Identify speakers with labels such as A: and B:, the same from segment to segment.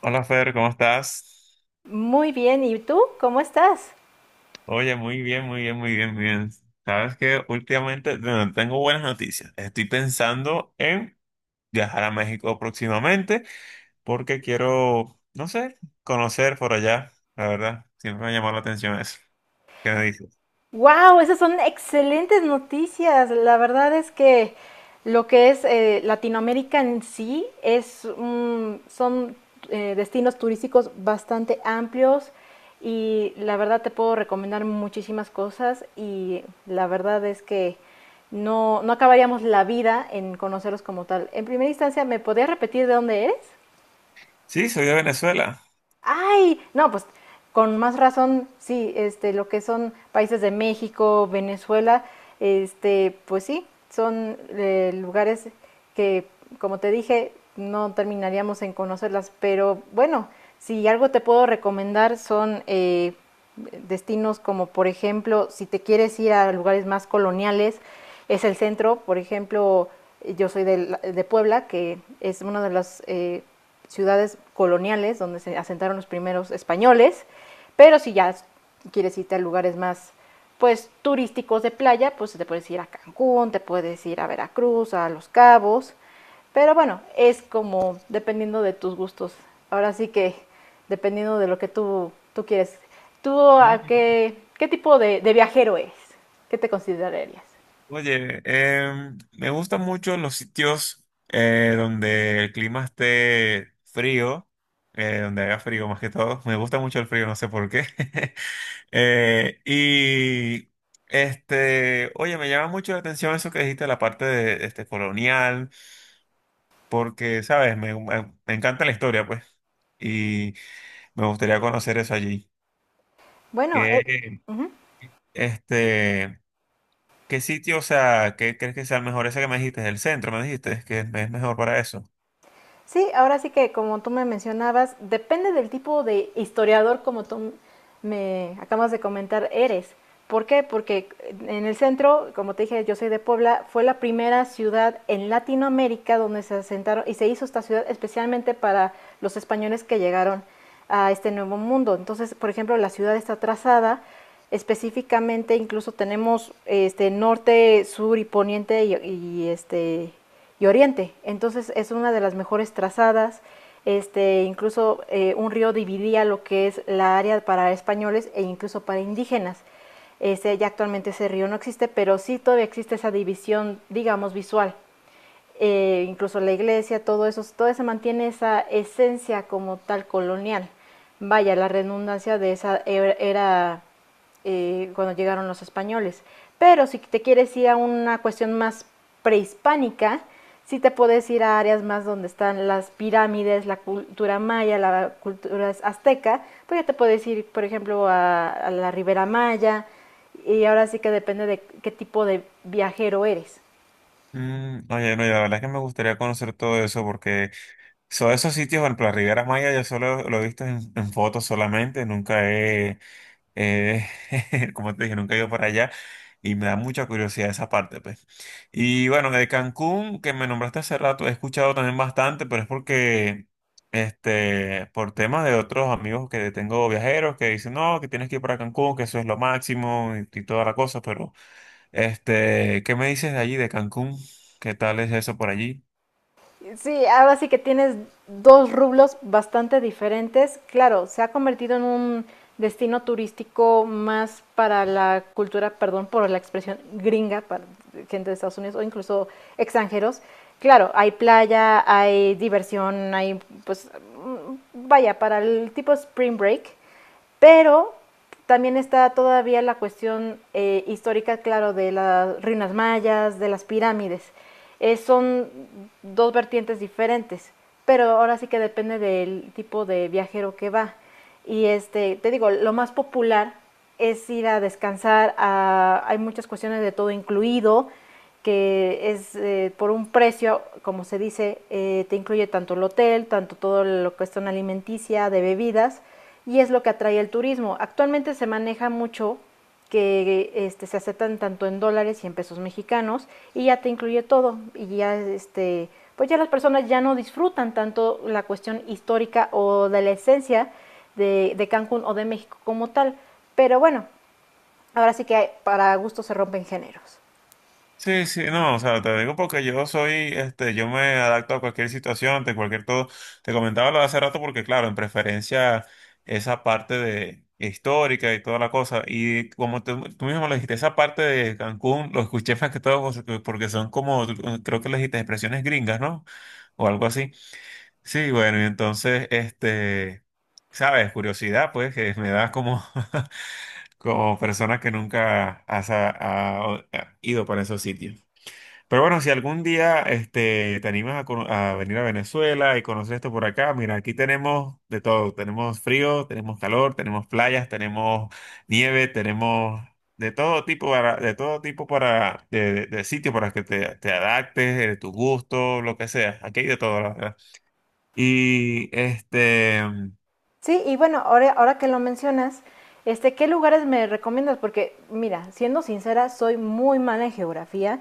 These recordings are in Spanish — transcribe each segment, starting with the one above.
A: Hola Fer, ¿cómo estás?
B: Muy bien, ¿y tú? ¿Cómo estás?
A: Oye, muy bien, muy bien, muy bien, muy bien. Sabes que últimamente, bueno, tengo buenas noticias. Estoy pensando en viajar a México próximamente porque quiero, no sé, conocer por allá. La verdad, siempre me ha llamado la atención eso. ¿Qué me dices?
B: ¡Wow! Esas son excelentes noticias. La verdad es que lo que es Latinoamérica en sí son destinos turísticos bastante amplios, y la verdad te puedo recomendar muchísimas cosas, y la verdad es que no acabaríamos la vida en conocerlos como tal. En primera instancia, ¿me podrías repetir de dónde eres?
A: Sí, soy de Venezuela.
B: Ay, no, pues con más razón, sí, este, lo que son países de México, Venezuela, este, pues sí, son lugares que, como te dije, no terminaríamos en conocerlas, pero bueno, si algo te puedo recomendar son destinos como, por ejemplo, si te quieres ir a lugares más coloniales, es el centro, por ejemplo, yo soy de Puebla, que es uno de los ciudades coloniales donde se asentaron los primeros españoles, pero si ya quieres irte a lugares más pues turísticos de playa, pues te puedes ir a Cancún, te puedes ir a Veracruz, a Los Cabos, pero bueno, es como dependiendo de tus gustos. Ahora sí que dependiendo de lo que tú quieres. ¿Tú
A: Ah,
B: a qué tipo de viajero eres? ¿Qué te considerarías?
A: oye, me gustan mucho los sitios donde el clima esté frío, donde haga frío más que todo. Me gusta mucho el frío, no sé por qué. Eh, y oye, me llama mucho la atención eso que dijiste, la parte de este colonial, porque, sabes, me encanta la historia, pues, y me gustaría conocer eso allí.
B: Bueno,
A: ¿Qué,
B: ujú.
A: este, qué sitio, o sea, qué crees que sea el mejor? Ese que me dijiste, el centro, me dijiste, que es mejor para eso.
B: Sí, ahora sí que como tú me mencionabas, depende del tipo de historiador como tú me acabas de comentar eres. ¿Por qué? Porque en el centro, como te dije, yo soy de Puebla, fue la primera ciudad en Latinoamérica donde se asentaron y se hizo esta ciudad especialmente para los españoles que llegaron a este nuevo mundo. Entonces, por ejemplo, la ciudad está trazada específicamente, incluso tenemos este norte, sur y poniente y y oriente. Entonces es una de las mejores trazadas. Este, incluso un río dividía lo que es la área para españoles e incluso para indígenas. Este, ya actualmente ese río no existe, pero sí todavía existe esa división, digamos, visual, incluso la iglesia, todo eso, todo se mantiene esa esencia como tal colonial. Vaya, la redundancia de esa era cuando llegaron los españoles. Pero si te quieres ir a una cuestión más prehispánica, sí te puedes ir a áreas más donde están las pirámides, la cultura maya, la cultura azteca, pues ya te puedes ir, por ejemplo, a la Ribera Maya, y ahora sí que depende de qué tipo de viajero eres.
A: Mm, oye, no, y la verdad es que me gustaría conocer todo eso porque son esos sitios, por ejemplo, la Riviera Maya yo solo lo he visto en fotos solamente, nunca he, Eh, como te dije, nunca he ido para allá y me da mucha curiosidad esa parte, pues. Y bueno, de Cancún, que me nombraste hace rato, he escuchado también bastante, pero es porque, por temas de otros amigos que tengo viajeros que dicen, no, que tienes que ir para Cancún, que eso es lo máximo y toda la cosa, pero, ¿qué me dices de allí, de Cancún? ¿Qué tal es eso por allí?
B: Sí, ahora sí que tienes dos rublos bastante diferentes. Claro, se ha convertido en un destino turístico más para la cultura, perdón por la expresión gringa, para gente de Estados Unidos o incluso extranjeros. Claro, hay playa, hay diversión, hay pues, vaya, para el tipo spring break, pero también está todavía la cuestión histórica, claro, de las ruinas mayas, de las pirámides. Son dos vertientes diferentes, pero ahora sí que depende del tipo de viajero que va. Y este, te digo, lo más popular es ir a descansar, a, hay muchas cuestiones de todo incluido, que es por un precio, como se dice, te incluye tanto el hotel, tanto todo lo que es zona alimenticia, de bebidas, y es lo que atrae el turismo. Actualmente se maneja mucho que este, se aceptan tanto en dólares y en pesos mexicanos, y ya te incluye todo, y ya este pues ya las personas ya no disfrutan tanto la cuestión histórica o de la esencia de Cancún o de México como tal. Pero bueno, ahora sí que hay, para gusto se rompen géneros.
A: Sí, sí, no, o sea, te digo porque yo soy, yo me adapto a cualquier situación, de cualquier todo. Te comentaba lo de hace rato porque, claro, en preferencia esa parte de histórica y toda la cosa. Y como tú mismo lo dijiste, esa parte de Cancún, lo escuché más que todo porque son como, creo que le dijiste expresiones gringas, ¿no? O algo así. Sí, bueno, y entonces, sabes, curiosidad, pues, que me da como, como persona que nunca has, ha ha ido para esos sitios. Pero bueno, si algún día te animas a, a venir a Venezuela y conocer esto por acá, mira, aquí tenemos de todo. Tenemos frío, tenemos calor, tenemos playas, tenemos nieve, tenemos de todo tipo para, de sitio para que te adaptes, tu gusto, lo que sea. Aquí hay de todo, la verdad. Y este.
B: Sí, y bueno, ahora que lo mencionas, este, ¿qué lugares me recomiendas? Porque, mira, siendo sincera, soy muy mala en geografía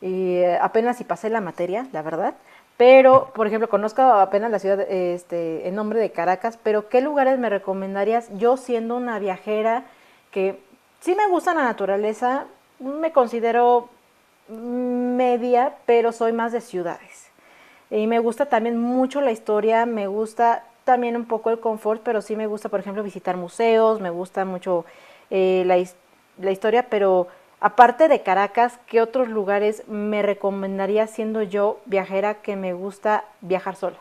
B: y apenas si pasé la materia, la verdad. Pero, por ejemplo, conozco apenas la ciudad, este, el nombre de Caracas, pero ¿qué lugares me recomendarías yo siendo una viajera que sí me gusta la naturaleza, me considero media, pero soy más de ciudades? Y me gusta también mucho la historia, me gusta también un poco el confort, pero sí me gusta, por ejemplo, visitar museos, me gusta mucho eh, la, la historia, pero aparte de Caracas, ¿qué otros lugares me recomendaría siendo yo viajera que me gusta viajar sola?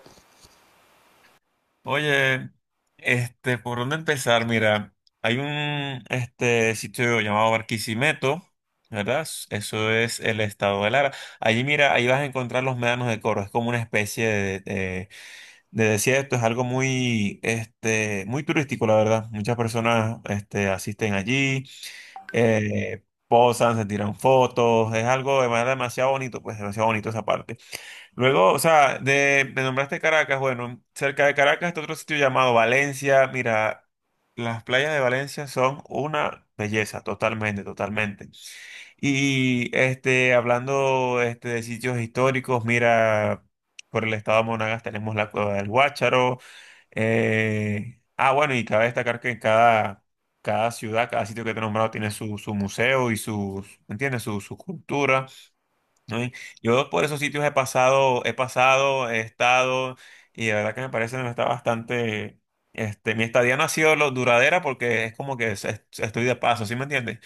A: Oye, ¿por dónde empezar? Mira, hay un este sitio llamado Barquisimeto, ¿verdad? Eso es el estado de Lara. Allí, mira, ahí vas a encontrar los médanos de Coro. Es como una especie de desierto. Es algo muy, muy turístico, la verdad. Muchas personas, asisten allí, posan, se tiran fotos. Es algo de manera demasiado bonito, pues demasiado bonito esa parte. Luego, o sea, de, me nombraste Caracas, bueno, cerca de Caracas está otro sitio llamado Valencia. Mira, las playas de Valencia son una belleza, totalmente, totalmente. Y hablando de sitios históricos, mira, por el estado de Monagas tenemos la Cueva del Guácharo. Ah, bueno, y cabe destacar que en cada ciudad, cada sitio que te he nombrado tiene su museo y sus, ¿entiendes? Su cultura. ¿No? Y yo por esos sitios he pasado, he estado, y la verdad que me parece que está bastante, mi estadía no ha sido lo duradera porque es como que estoy de paso, ¿sí me entiendes?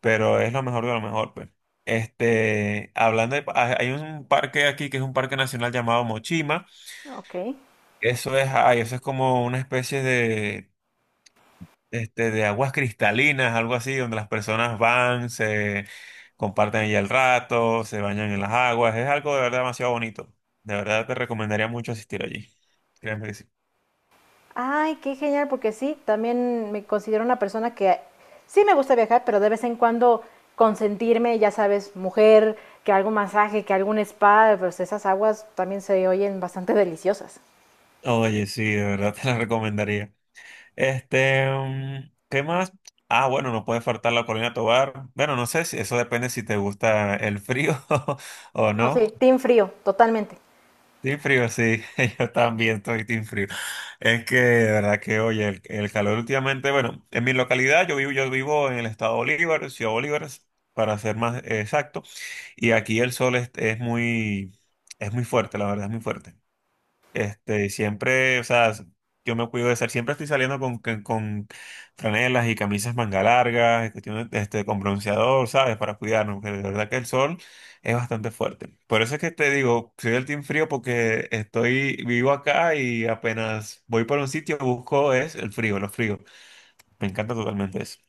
A: Pero es lo mejor de lo mejor, pues. Hablando de, hay un parque aquí que es un parque nacional llamado Mochima.
B: Ok.
A: Eso es, ay, eso es como una especie de aguas cristalinas, algo así, donde las personas van, se comparten allí el rato, se bañan en las aguas. Es algo de verdad demasiado bonito. De verdad te recomendaría mucho asistir allí. Créeme que sí.
B: Ay, qué genial, porque sí, también me considero una persona que sí me gusta viajar, pero de vez en cuando consentirme, ya sabes, mujer, que algún masaje, que algún spa, pues esas aguas también se oyen bastante deliciosas.
A: Oye, sí, de verdad te la recomendaría. ¿Qué más? Ah, bueno, no puede faltar la Corina Tobar. Bueno, no sé si eso depende si te gusta el frío o
B: No, sí,
A: no.
B: team frío, totalmente.
A: Team frío, sí, yo también estoy team frío. Es que, de verdad que, oye, el calor últimamente, bueno, en mi localidad, yo vivo en el estado de Bolívar, Ciudad Bolívar, para ser más exacto, y aquí el sol es muy fuerte, la verdad, es muy fuerte. Y siempre, o sea, yo me cuido de ser, siempre estoy saliendo con franelas y camisas manga largas, y cuestiones, con bronceador, ¿sabes? Para cuidarnos, porque de verdad que el sol es bastante fuerte. Por eso es que te digo, soy del team frío porque estoy, vivo acá y apenas voy por un sitio, busco es el frío, los fríos. Me encanta totalmente eso.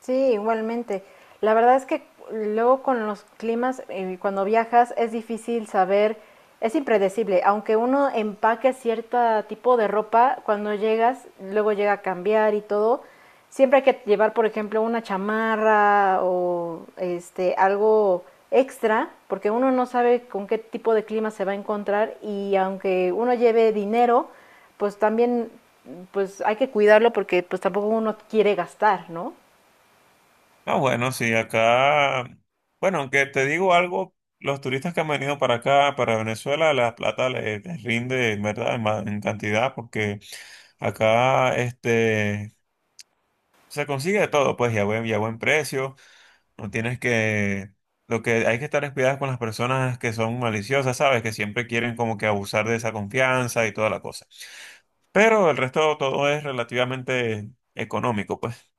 B: Sí, igualmente. La verdad es que luego con los climas, cuando viajas, es difícil saber, es impredecible. Aunque uno empaque cierto tipo de ropa, cuando llegas, luego llega a cambiar y todo. Siempre hay que llevar, por ejemplo, una chamarra o este algo extra, porque uno no sabe con qué tipo de clima se va a encontrar, y aunque uno lleve dinero, pues también pues hay que cuidarlo porque pues tampoco uno quiere gastar, ¿no?
A: Ah, bueno, sí, acá, bueno, aunque te digo algo, los turistas que han venido para acá, para Venezuela, la plata les rinde, en ¿verdad? En cantidad, porque acá, se consigue de todo, pues, y a buen precio, no tienes que, lo que hay que estar es cuidado con las personas que son maliciosas, ¿sabes? Que siempre quieren como que abusar de esa confianza y toda la cosa. Pero el resto todo es relativamente económico, pues.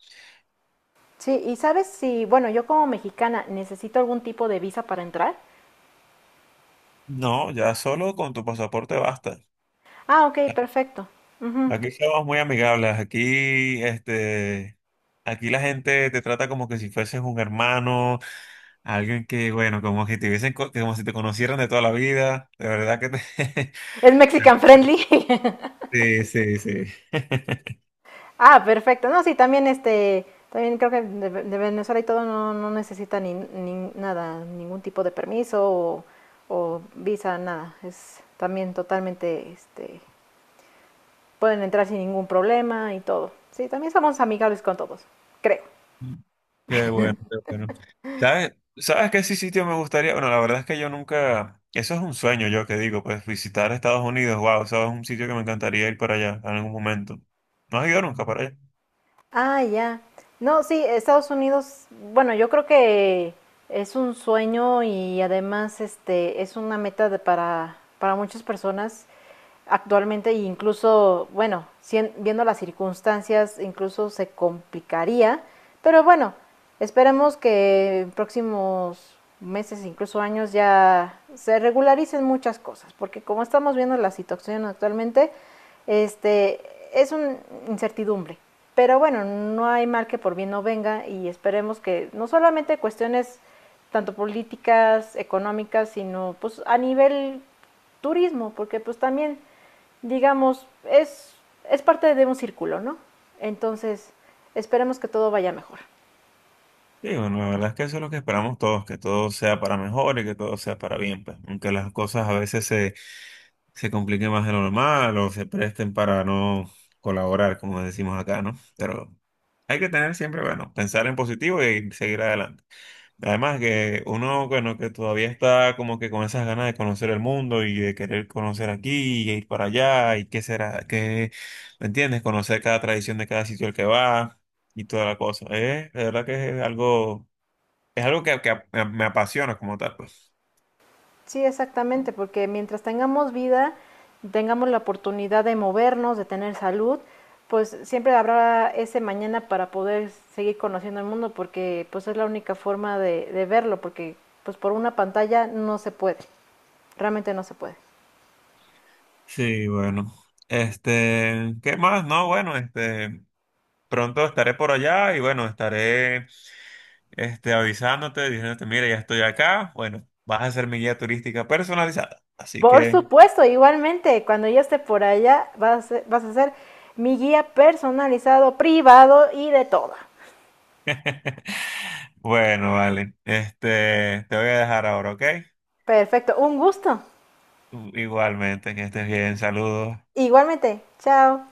B: Sí, y sabes si, bueno, yo como mexicana necesito algún tipo de visa para entrar.
A: No, ya solo con tu pasaporte basta.
B: Ah, ok, perfecto. Ujú.
A: Aquí somos muy amigables, aquí aquí la gente te trata como que si fueses un hermano, alguien que, bueno, como si te hubiesen como si te conocieran de toda la vida, de verdad que te...
B: Es Mexican friendly.
A: Sí, sí, sí.
B: Ah, perfecto. No, sí, también este, también creo que de Venezuela y todo no necesita ni nada, ningún tipo de permiso o visa, nada. Es también totalmente, este, pueden entrar sin ningún problema y todo. Sí, también somos amigables con todos, creo.
A: Qué bueno, qué bueno. ¿Sabes? ¿Sabes qué sí sitio me gustaría? Bueno, la verdad es que yo nunca, eso es un sueño yo que digo, pues visitar Estados Unidos, wow, eso es un sitio que me encantaría ir para allá en algún momento. ¿No has ido nunca para allá?
B: Ah, ya. No, sí, Estados Unidos, bueno, yo creo que es un sueño y además este es una meta para muchas personas actualmente e incluso, bueno, viendo las circunstancias, incluso se complicaría, pero bueno, esperemos que en próximos meses, incluso años, ya se regularicen muchas cosas, porque como estamos viendo la situación actualmente, este, es una incertidumbre. Pero bueno, no hay mal que por bien no venga y esperemos que no solamente cuestiones tanto políticas, económicas, sino pues a nivel turismo, porque pues también digamos, es parte de un círculo, ¿no? Entonces, esperemos que todo vaya mejor.
A: Sí, bueno, la verdad es que eso es lo que esperamos todos, que todo sea para mejor y que todo sea para bien, pues. Aunque las cosas a veces se compliquen más de lo normal o se presten para no colaborar, como decimos acá, ¿no? Pero hay que tener siempre, bueno, pensar en positivo y seguir adelante. Además que uno, bueno, que todavía está como que con esas ganas de conocer el mundo y de querer conocer aquí y ir para allá y qué será, qué, ¿me entiendes? Conocer cada tradición de cada sitio al que va y toda la cosa. De verdad que es algo que me apasiona como tal, pues.
B: Sí, exactamente, porque mientras tengamos vida, tengamos la oportunidad de movernos, de tener salud, pues siempre habrá ese mañana para poder seguir conociendo el mundo, porque pues es la única forma de verlo, porque pues por una pantalla no se puede, realmente no se puede.
A: Sí, bueno. ¿Qué más? No, bueno, pronto estaré por allá y bueno, estaré avisándote, diciéndote, mira, ya estoy acá. Bueno, vas a ser mi guía turística personalizada. Así
B: Por
A: que,
B: supuesto, igualmente, cuando ya esté por allá, vas a ser mi guía personalizado, privado y de todo.
A: bueno, vale. Este, te voy a dejar ahora, ¿ok?
B: Perfecto, un gusto.
A: Igualmente, que estés bien, saludos.
B: Igualmente, chao.